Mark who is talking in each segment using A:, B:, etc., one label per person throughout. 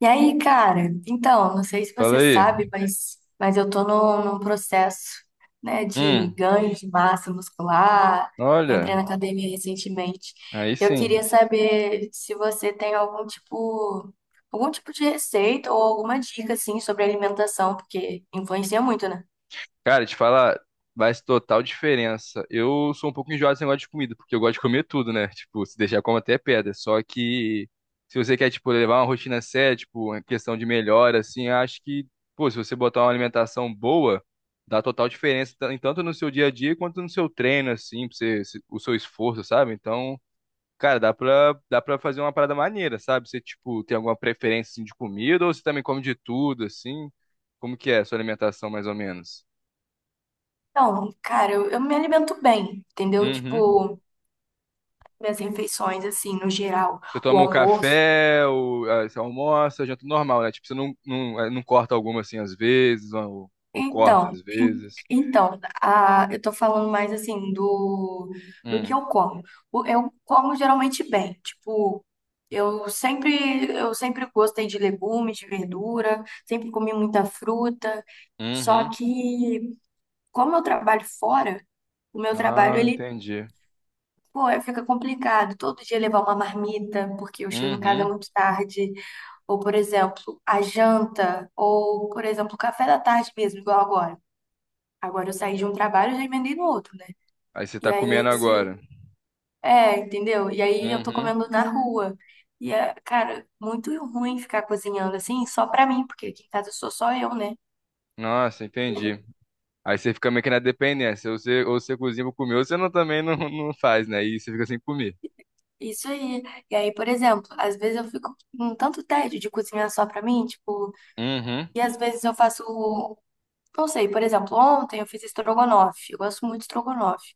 A: E aí, cara? Então, não sei se
B: Fala
A: você
B: aí.
A: sabe, mas eu tô num processo, né, de
B: Hum,
A: ganho de massa muscular. Eu entrei
B: olha,
A: na academia recentemente.
B: aí
A: Eu
B: sim.
A: queria saber se você tem algum tipo de receita ou alguma dica, assim, sobre alimentação, porque influencia muito, né?
B: Cara, te falar, faz total diferença. Eu sou um pouco enjoado desse negócio de comida, porque eu gosto de comer tudo, né? Tipo, se deixar, como até pedra. Só que se você quer, tipo, levar uma rotina séria, tipo, uma questão de melhora, assim, eu acho que, pô, se você botar uma alimentação boa, dá total diferença, tanto no seu dia a dia quanto no seu treino, assim, pra você, o seu esforço, sabe? Então. Cara, dá pra fazer uma parada maneira, sabe? Você, tipo, tem alguma preferência, assim, de comida ou você também come de tudo, assim? Como que é a sua alimentação, mais ou menos?
A: Então, cara, eu me alimento bem, entendeu?
B: Uhum.
A: Tipo, minhas refeições, assim, no geral,
B: Você
A: o
B: toma um
A: almoço.
B: café, ou, ah, você almoça, janta normal, né? Tipo, você não, não, eh, não corta alguma, assim, às vezes, ou corta às
A: Então, en-
B: vezes.
A: eu tô falando mais assim do, do que
B: Hum.
A: eu como. Eu como geralmente bem, tipo, eu sempre gostei de legumes, de verdura, sempre comi muita fruta. Só
B: Uhum.
A: que como eu trabalho fora, o meu trabalho
B: Ah,
A: ele,
B: entendi.
A: pô, fica complicado. Todo dia levar uma marmita, porque eu chego em casa
B: Uhum.
A: muito tarde, ou por exemplo, a janta, ou por exemplo, o café da tarde mesmo, igual agora. Agora eu saí de um trabalho e já emendei no outro, né?
B: Aí você
A: E
B: tá
A: aí
B: comendo
A: esse.
B: agora.
A: É, entendeu? E aí eu tô
B: Uhum.
A: comendo na rua. E é, cara, muito ruim ficar cozinhando assim, só pra mim, porque aqui em casa sou só eu, né?
B: Nossa, entendi. Aí você fica meio que na dependência. Ou você cozinha pra comer, ou você não, também não, não faz, né? E você fica sem comer.
A: Isso aí. E aí, por exemplo, às vezes eu fico com tanto tédio de cozinhar só pra mim, tipo,
B: Uhum,
A: e às vezes eu faço, não sei, por exemplo, ontem eu fiz estrogonofe. Eu gosto muito de estrogonofe.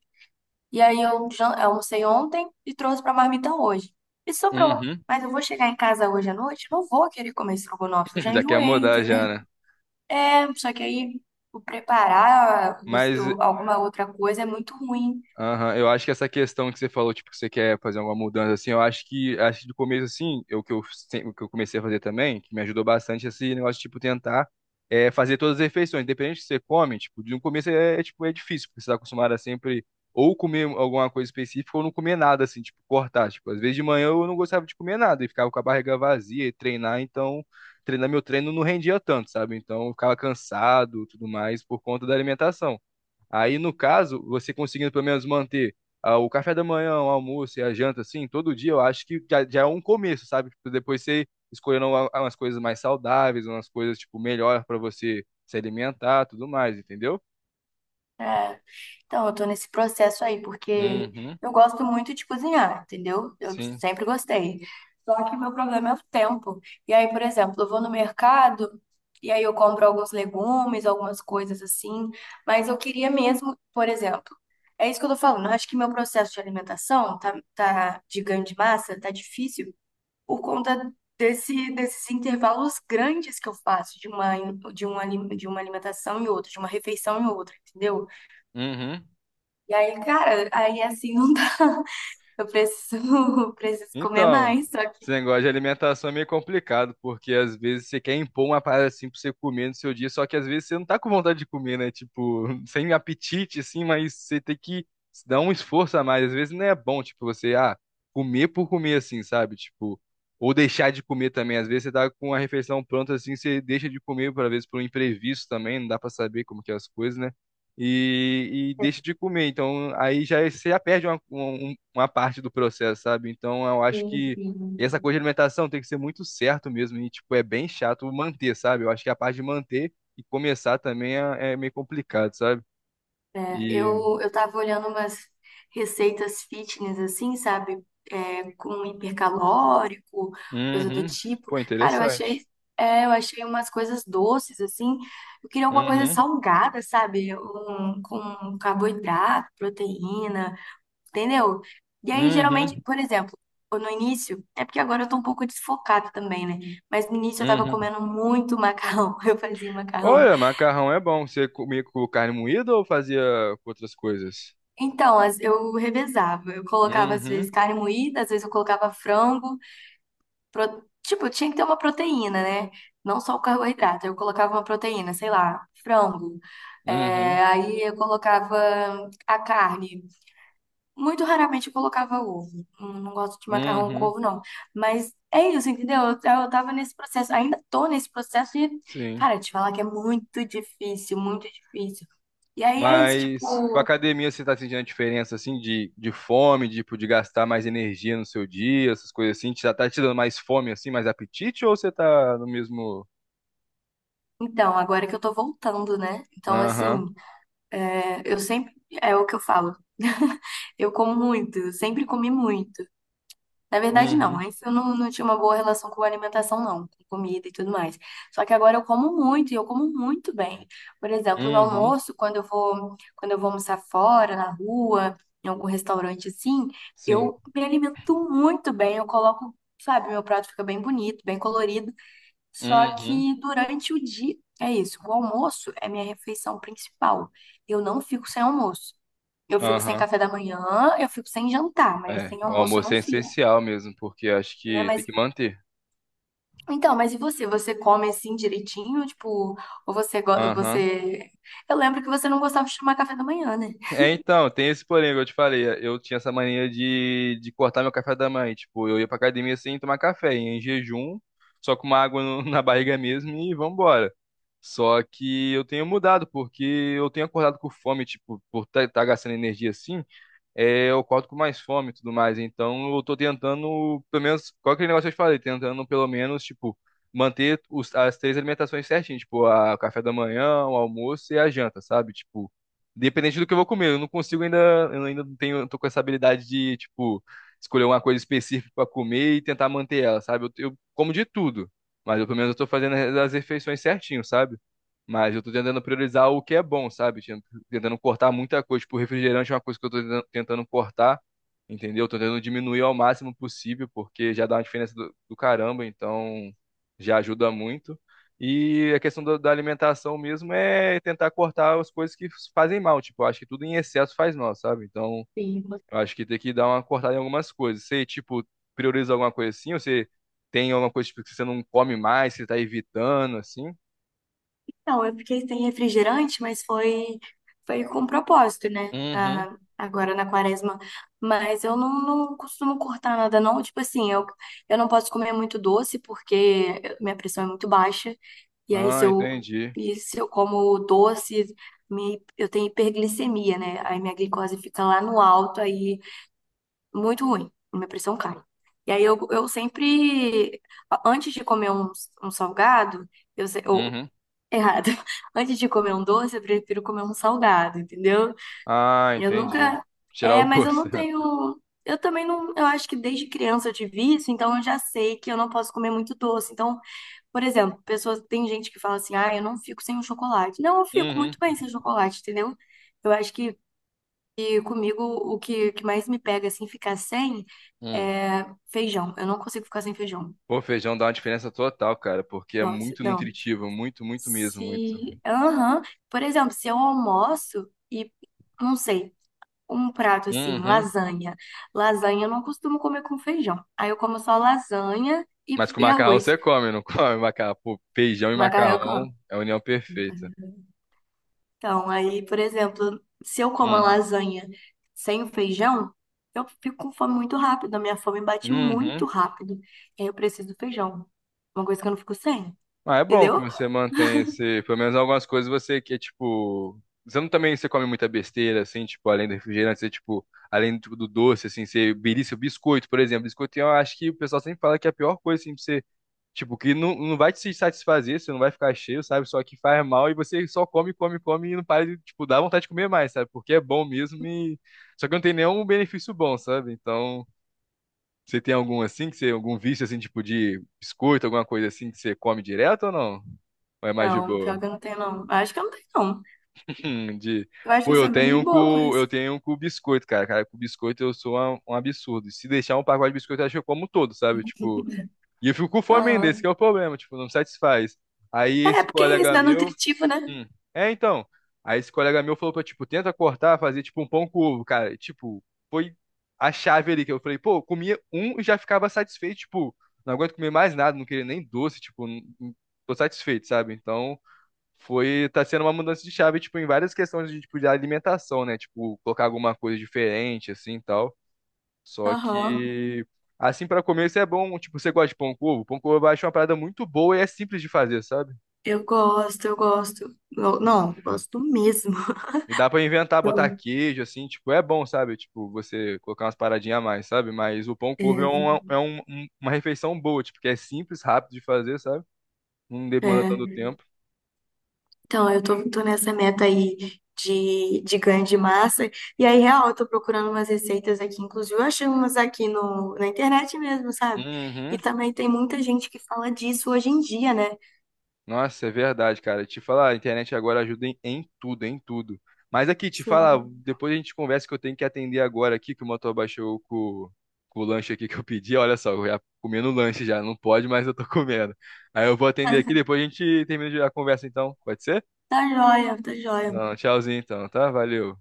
A: E aí eu almocei ontem e trouxe pra marmita hoje. E sobrou.
B: uhum.
A: Mas eu vou chegar em casa hoje à noite, não vou querer comer estrogonofe, eu já
B: Já quer
A: enjoei,
B: mudar já,
A: entendeu?
B: né?
A: É, só que aí o preparar
B: Mas
A: alguma outra coisa é muito ruim.
B: Aham, eu acho que essa questão que você falou, tipo, que você quer fazer alguma mudança, assim, acho que do começo, assim, eu, que eu, sem- o que eu comecei a fazer também, que me ajudou bastante, esse negócio tipo, tentar fazer todas as refeições, independente do que você come, tipo, de um começo tipo, é difícil, porque você tá acostumado a sempre ou comer alguma coisa específica ou não comer nada, assim, tipo, cortar, tipo, às vezes de manhã eu não gostava de comer nada e ficava com a barriga vazia e treinar, então, treinar meu treino não rendia tanto, sabe? Então, eu ficava cansado, tudo mais, por conta da alimentação. Aí, no caso, você conseguindo pelo menos manter o café da manhã, o almoço e a janta, assim, todo dia, eu acho que já é um começo, sabe? Tipo, depois você escolhendo umas coisas mais saudáveis, umas coisas, tipo, melhor para você se alimentar, tudo mais, entendeu?
A: Né? Então, eu tô nesse processo aí, porque
B: Uhum,
A: eu gosto muito de cozinhar, entendeu? Eu
B: sim.
A: sempre gostei. Só que meu problema é o tempo. E aí, por exemplo, eu vou no mercado e aí eu compro alguns legumes, algumas coisas assim, mas eu queria mesmo, por exemplo, é isso que eu tô falando. Eu acho que meu processo de alimentação tá de ganho de massa, tá difícil por conta desses intervalos grandes que eu faço de uma, de uma alimentação e outra, de uma refeição e outra, entendeu?
B: Uhum.
A: E aí, cara, aí assim não dá. Eu preciso, preciso comer
B: Então,
A: mais, só que.
B: esse negócio de alimentação é meio complicado, porque às vezes você quer impor uma parada assim pra você comer no seu dia, só que às vezes você não tá com vontade de comer, né? Tipo, sem apetite, assim, mas você tem que se dar um esforço a mais. Às vezes não é bom, tipo, comer por comer, assim, sabe? Tipo, ou deixar de comer também. Às vezes você tá com a refeição pronta, assim, você deixa de comer, por vezes por um imprevisto também, não dá pra saber como que é as coisas, né? E deixa de comer. Então, você já perde uma parte do processo, sabe? Então eu acho que essa
A: Enfim.
B: coisa de alimentação tem que ser muito certo mesmo e, tipo, é bem chato manter, sabe? Eu acho que a parte de manter e começar também é meio complicado, sabe?
A: É,
B: E,
A: eu tava olhando umas receitas fitness, assim, sabe? É, com hipercalórico, coisa do
B: uhum,
A: tipo.
B: pô,
A: Cara,
B: interessante.
A: eu achei umas coisas doces, assim. Eu queria alguma coisa
B: Uhum,
A: salgada, sabe? Um, com carboidrato, proteína. Entendeu? E aí, geralmente,
B: uhum,
A: por exemplo, eu no início, é porque agora eu tô um pouco desfocada também, né? Mas no início eu tava
B: uhum.
A: comendo muito macarrão, eu fazia macarrão.
B: Olha, macarrão é bom. Você comia com carne moída ou fazia com outras coisas?
A: Então, eu revezava, eu colocava às
B: Uhum,
A: vezes carne moída, às vezes eu colocava frango, tipo, tinha que ter uma proteína, né? Não só o carboidrato, eu colocava uma proteína, sei lá, frango.
B: uhum,
A: É, aí eu colocava a carne. Muito raramente eu colocava ovo. Não, não gosto de macarrão com
B: uhum.
A: ovo, não. Mas é isso, entendeu? Eu tava nesse processo, ainda tô nesse processo de,
B: Sim.
A: cara, te falar que é muito difícil, muito difícil. E aí é isso,
B: Mas com a
A: tipo,
B: academia você tá sentindo a diferença assim de fome, tipo, de gastar mais energia no seu dia, essas coisas assim? Já tá te dando mais fome assim, mais apetite, ou você tá no mesmo.
A: então, agora que eu tô voltando, né? Então, assim,
B: Aham.
A: é, eu sempre, é o que eu falo, eu como muito, eu sempre comi muito. Na verdade, não.
B: Uhum.
A: Antes eu não tinha uma boa relação com alimentação, não, com comida e tudo mais. Só que agora eu como muito e eu como muito bem. Por exemplo, no
B: Uhum.
A: almoço, quando eu vou almoçar fora, na rua, em algum restaurante assim,
B: Sim.
A: eu me alimento muito bem. Eu coloco, sabe, meu prato fica bem bonito, bem colorido. Só
B: Uhum.
A: que durante o dia, é isso. O almoço é minha refeição principal. Eu não fico sem almoço. Eu fico sem
B: Aham.
A: café da manhã, eu fico sem jantar, mas
B: É,
A: sem
B: o
A: almoço eu
B: almoço
A: não
B: é
A: fico.
B: essencial mesmo, porque acho
A: É,
B: que tem
A: mas
B: que manter.
A: então, mas e você? Você come assim direitinho? Tipo, ou você,
B: Aham.
A: você... Eu lembro que você não gostava de tomar café da manhã, né?
B: É, então, tem esse porém que eu te falei. Eu tinha essa mania de cortar meu café da manhã. Tipo, eu ia pra academia sem tomar café, ia em jejum, só com uma água na barriga mesmo e vambora. Só que eu tenho mudado, porque eu tenho acordado com fome, tipo, por estar gastando energia assim eu acordo com mais fome e tudo mais. Então, eu tô tentando, pelo menos, qual aquele negócio que eu te falei, tentando, pelo menos, tipo, manter as três alimentações certinho, tipo, o café da manhã, o almoço e a janta, sabe? Tipo, dependente do que eu vou comer, eu não consigo ainda, eu ainda não tenho, tô com essa habilidade de, tipo, escolher uma coisa específica pra comer e tentar manter ela, sabe? Eu como de tudo, mas eu, pelo menos eu tô fazendo as refeições certinho, sabe? Mas eu tô tentando priorizar o que é bom, sabe? Tentando cortar muita coisa. Tipo, refrigerante é uma coisa que eu tô tentando cortar, entendeu? Tô tentando diminuir ao máximo possível, porque já dá uma diferença do caramba, então já ajuda muito. E a questão da alimentação mesmo é tentar cortar as coisas que fazem mal. Tipo, eu acho que tudo em excesso faz mal, sabe? Então,
A: Sim.
B: eu acho que tem que dar uma cortada em algumas coisas. Você, tipo, prioriza alguma coisa assim? Ou você tem alguma coisa tipo, que você não come mais, que você tá evitando, assim?
A: Não, é porque tem refrigerante, foi com propósito, né?
B: Uhum.
A: Ah, agora na quaresma. Mas eu não, não costumo cortar nada, não. Tipo assim, eu não posso comer muito doce porque minha pressão é muito baixa. E aí, se
B: Ah,
A: eu,
B: entendi.
A: e se eu como doce, eu tenho hiperglicemia, né? Aí minha glicose fica lá no alto, aí muito ruim, minha pressão cai. E aí eu sempre, antes de comer um salgado, eu, se- ou,
B: Uhum.
A: errado, antes de comer um doce, eu prefiro comer um salgado, entendeu?
B: Ah,
A: Eu
B: entendi.
A: nunca,
B: Tirar
A: é,
B: o
A: mas eu
B: gosto.
A: não tenho, eu também não, eu acho que desde criança eu tive isso, então eu já sei que eu não posso comer muito doce. Então, por exemplo, pessoas, tem gente que fala assim, ah, eu não fico sem um chocolate. Não, eu fico
B: Uhum.
A: muito bem sem chocolate, entendeu? Eu acho que e comigo, o que mais me pega, assim, ficar sem
B: Hum.
A: é feijão. Eu não consigo ficar sem feijão.
B: Pô, feijão dá uma diferença total, cara, porque é
A: Nossa,
B: muito
A: não.
B: nutritivo, muito, muito mesmo, muito.
A: Se. Aham. Por exemplo, se eu almoço e, não sei, um prato assim,
B: Uhum.
A: lasanha. Lasanha eu não costumo comer com feijão. Aí eu como só lasanha
B: Mas com
A: e
B: macarrão
A: arroz.
B: você come, não come macarrão? Pô, feijão e
A: Macarrão eu
B: macarrão
A: como.
B: é a união perfeita.
A: Então, aí, por exemplo, se eu como a
B: Hum.
A: lasanha sem o feijão, eu fico com fome muito rápido, a minha fome bate muito
B: Uhum.
A: rápido. E aí eu preciso do feijão. Uma coisa que eu não fico sem,
B: Ah, é bom que
A: entendeu?
B: você mantém esse, pelo menos algumas coisas você que é tipo, você não também você come muita besteira assim, tipo, além do refrigerante, você tipo, além do doce assim, você belisca o biscoito, por exemplo, biscoito, eu acho que o pessoal sempre fala que é a pior coisa assim pra você, tipo, que não vai te satisfazer, você não vai ficar cheio, sabe? Só que faz mal e você só come, come, come e não para de, tipo, dá vontade de comer mais, sabe? Porque é bom mesmo e só que não tem nenhum benefício bom, sabe? Então, você tem algum assim que você algum vício assim, tipo de biscoito, alguma coisa assim que você come direto ou não? Ou é mais de
A: Não,
B: boa?
A: pior que eu não tenho, não. Eu acho que eu não tenho, não.
B: De...
A: Eu acho que
B: Pô,
A: eu sou bem de boa com
B: eu
A: isso.
B: tenho um com biscoito, cara. Cara, com biscoito eu sou um absurdo. Se deixar um pacote de biscoito, eu acho que eu como todo, sabe? Tipo, e eu fico com fome ainda, esse que
A: Aham.
B: é o problema, tipo, não me satisfaz. Aí
A: É, é
B: esse
A: porque é isso
B: colega
A: dá
B: meu.
A: nutritivo, né?
B: Hum. É, então. Aí esse colega meu falou pra, tipo, tenta cortar, fazer tipo um pão com ovo, cara. Tipo, foi a chave ali que eu falei, pô, eu comia um e já ficava satisfeito, tipo, não aguento comer mais nada, não queria nem doce, tipo, tô satisfeito, sabe? Então. Foi tá sendo uma mudança de chave, tipo, em várias questões de tipo de alimentação, né? Tipo, colocar alguma coisa diferente assim, e tal. Só
A: Aham.
B: que assim pra comer isso é bom, tipo, você gosta de pão com ovo? Pão com ovo eu acho uma parada muito boa e é simples de fazer, sabe?
A: Eu gosto.
B: E
A: Não, eu gosto mesmo.
B: e dá pra inventar, botar queijo assim, tipo, é bom, sabe? Tipo, você colocar umas paradinhas a mais, sabe? Mas o pão
A: É,
B: com ovo é uma refeição boa, tipo, que é simples, rápido de fazer, sabe? Não demanda tanto
A: é.
B: tempo.
A: Então, tô nessa meta aí de ganho de massa. E aí, real, eu tô procurando umas receitas aqui. Inclusive, eu achei umas aqui no, na internet mesmo, sabe? E
B: Uhum.
A: também tem muita gente que fala disso hoje em dia, né?
B: Nossa, é verdade, cara. Te falar, a internet agora ajuda em tudo, em tudo. Mas aqui, te falar,
A: Sim.
B: depois a gente conversa que eu tenho que atender agora aqui, que o motor baixou com o lanche aqui que eu pedi. Olha só, eu já comendo lanche já, não pode, mas eu tô comendo. Aí eu vou atender
A: Mas
B: aqui, depois a gente termina a conversa então, pode ser?
A: tá jóia, tá jóia.
B: Não, tchauzinho então, tá? Valeu.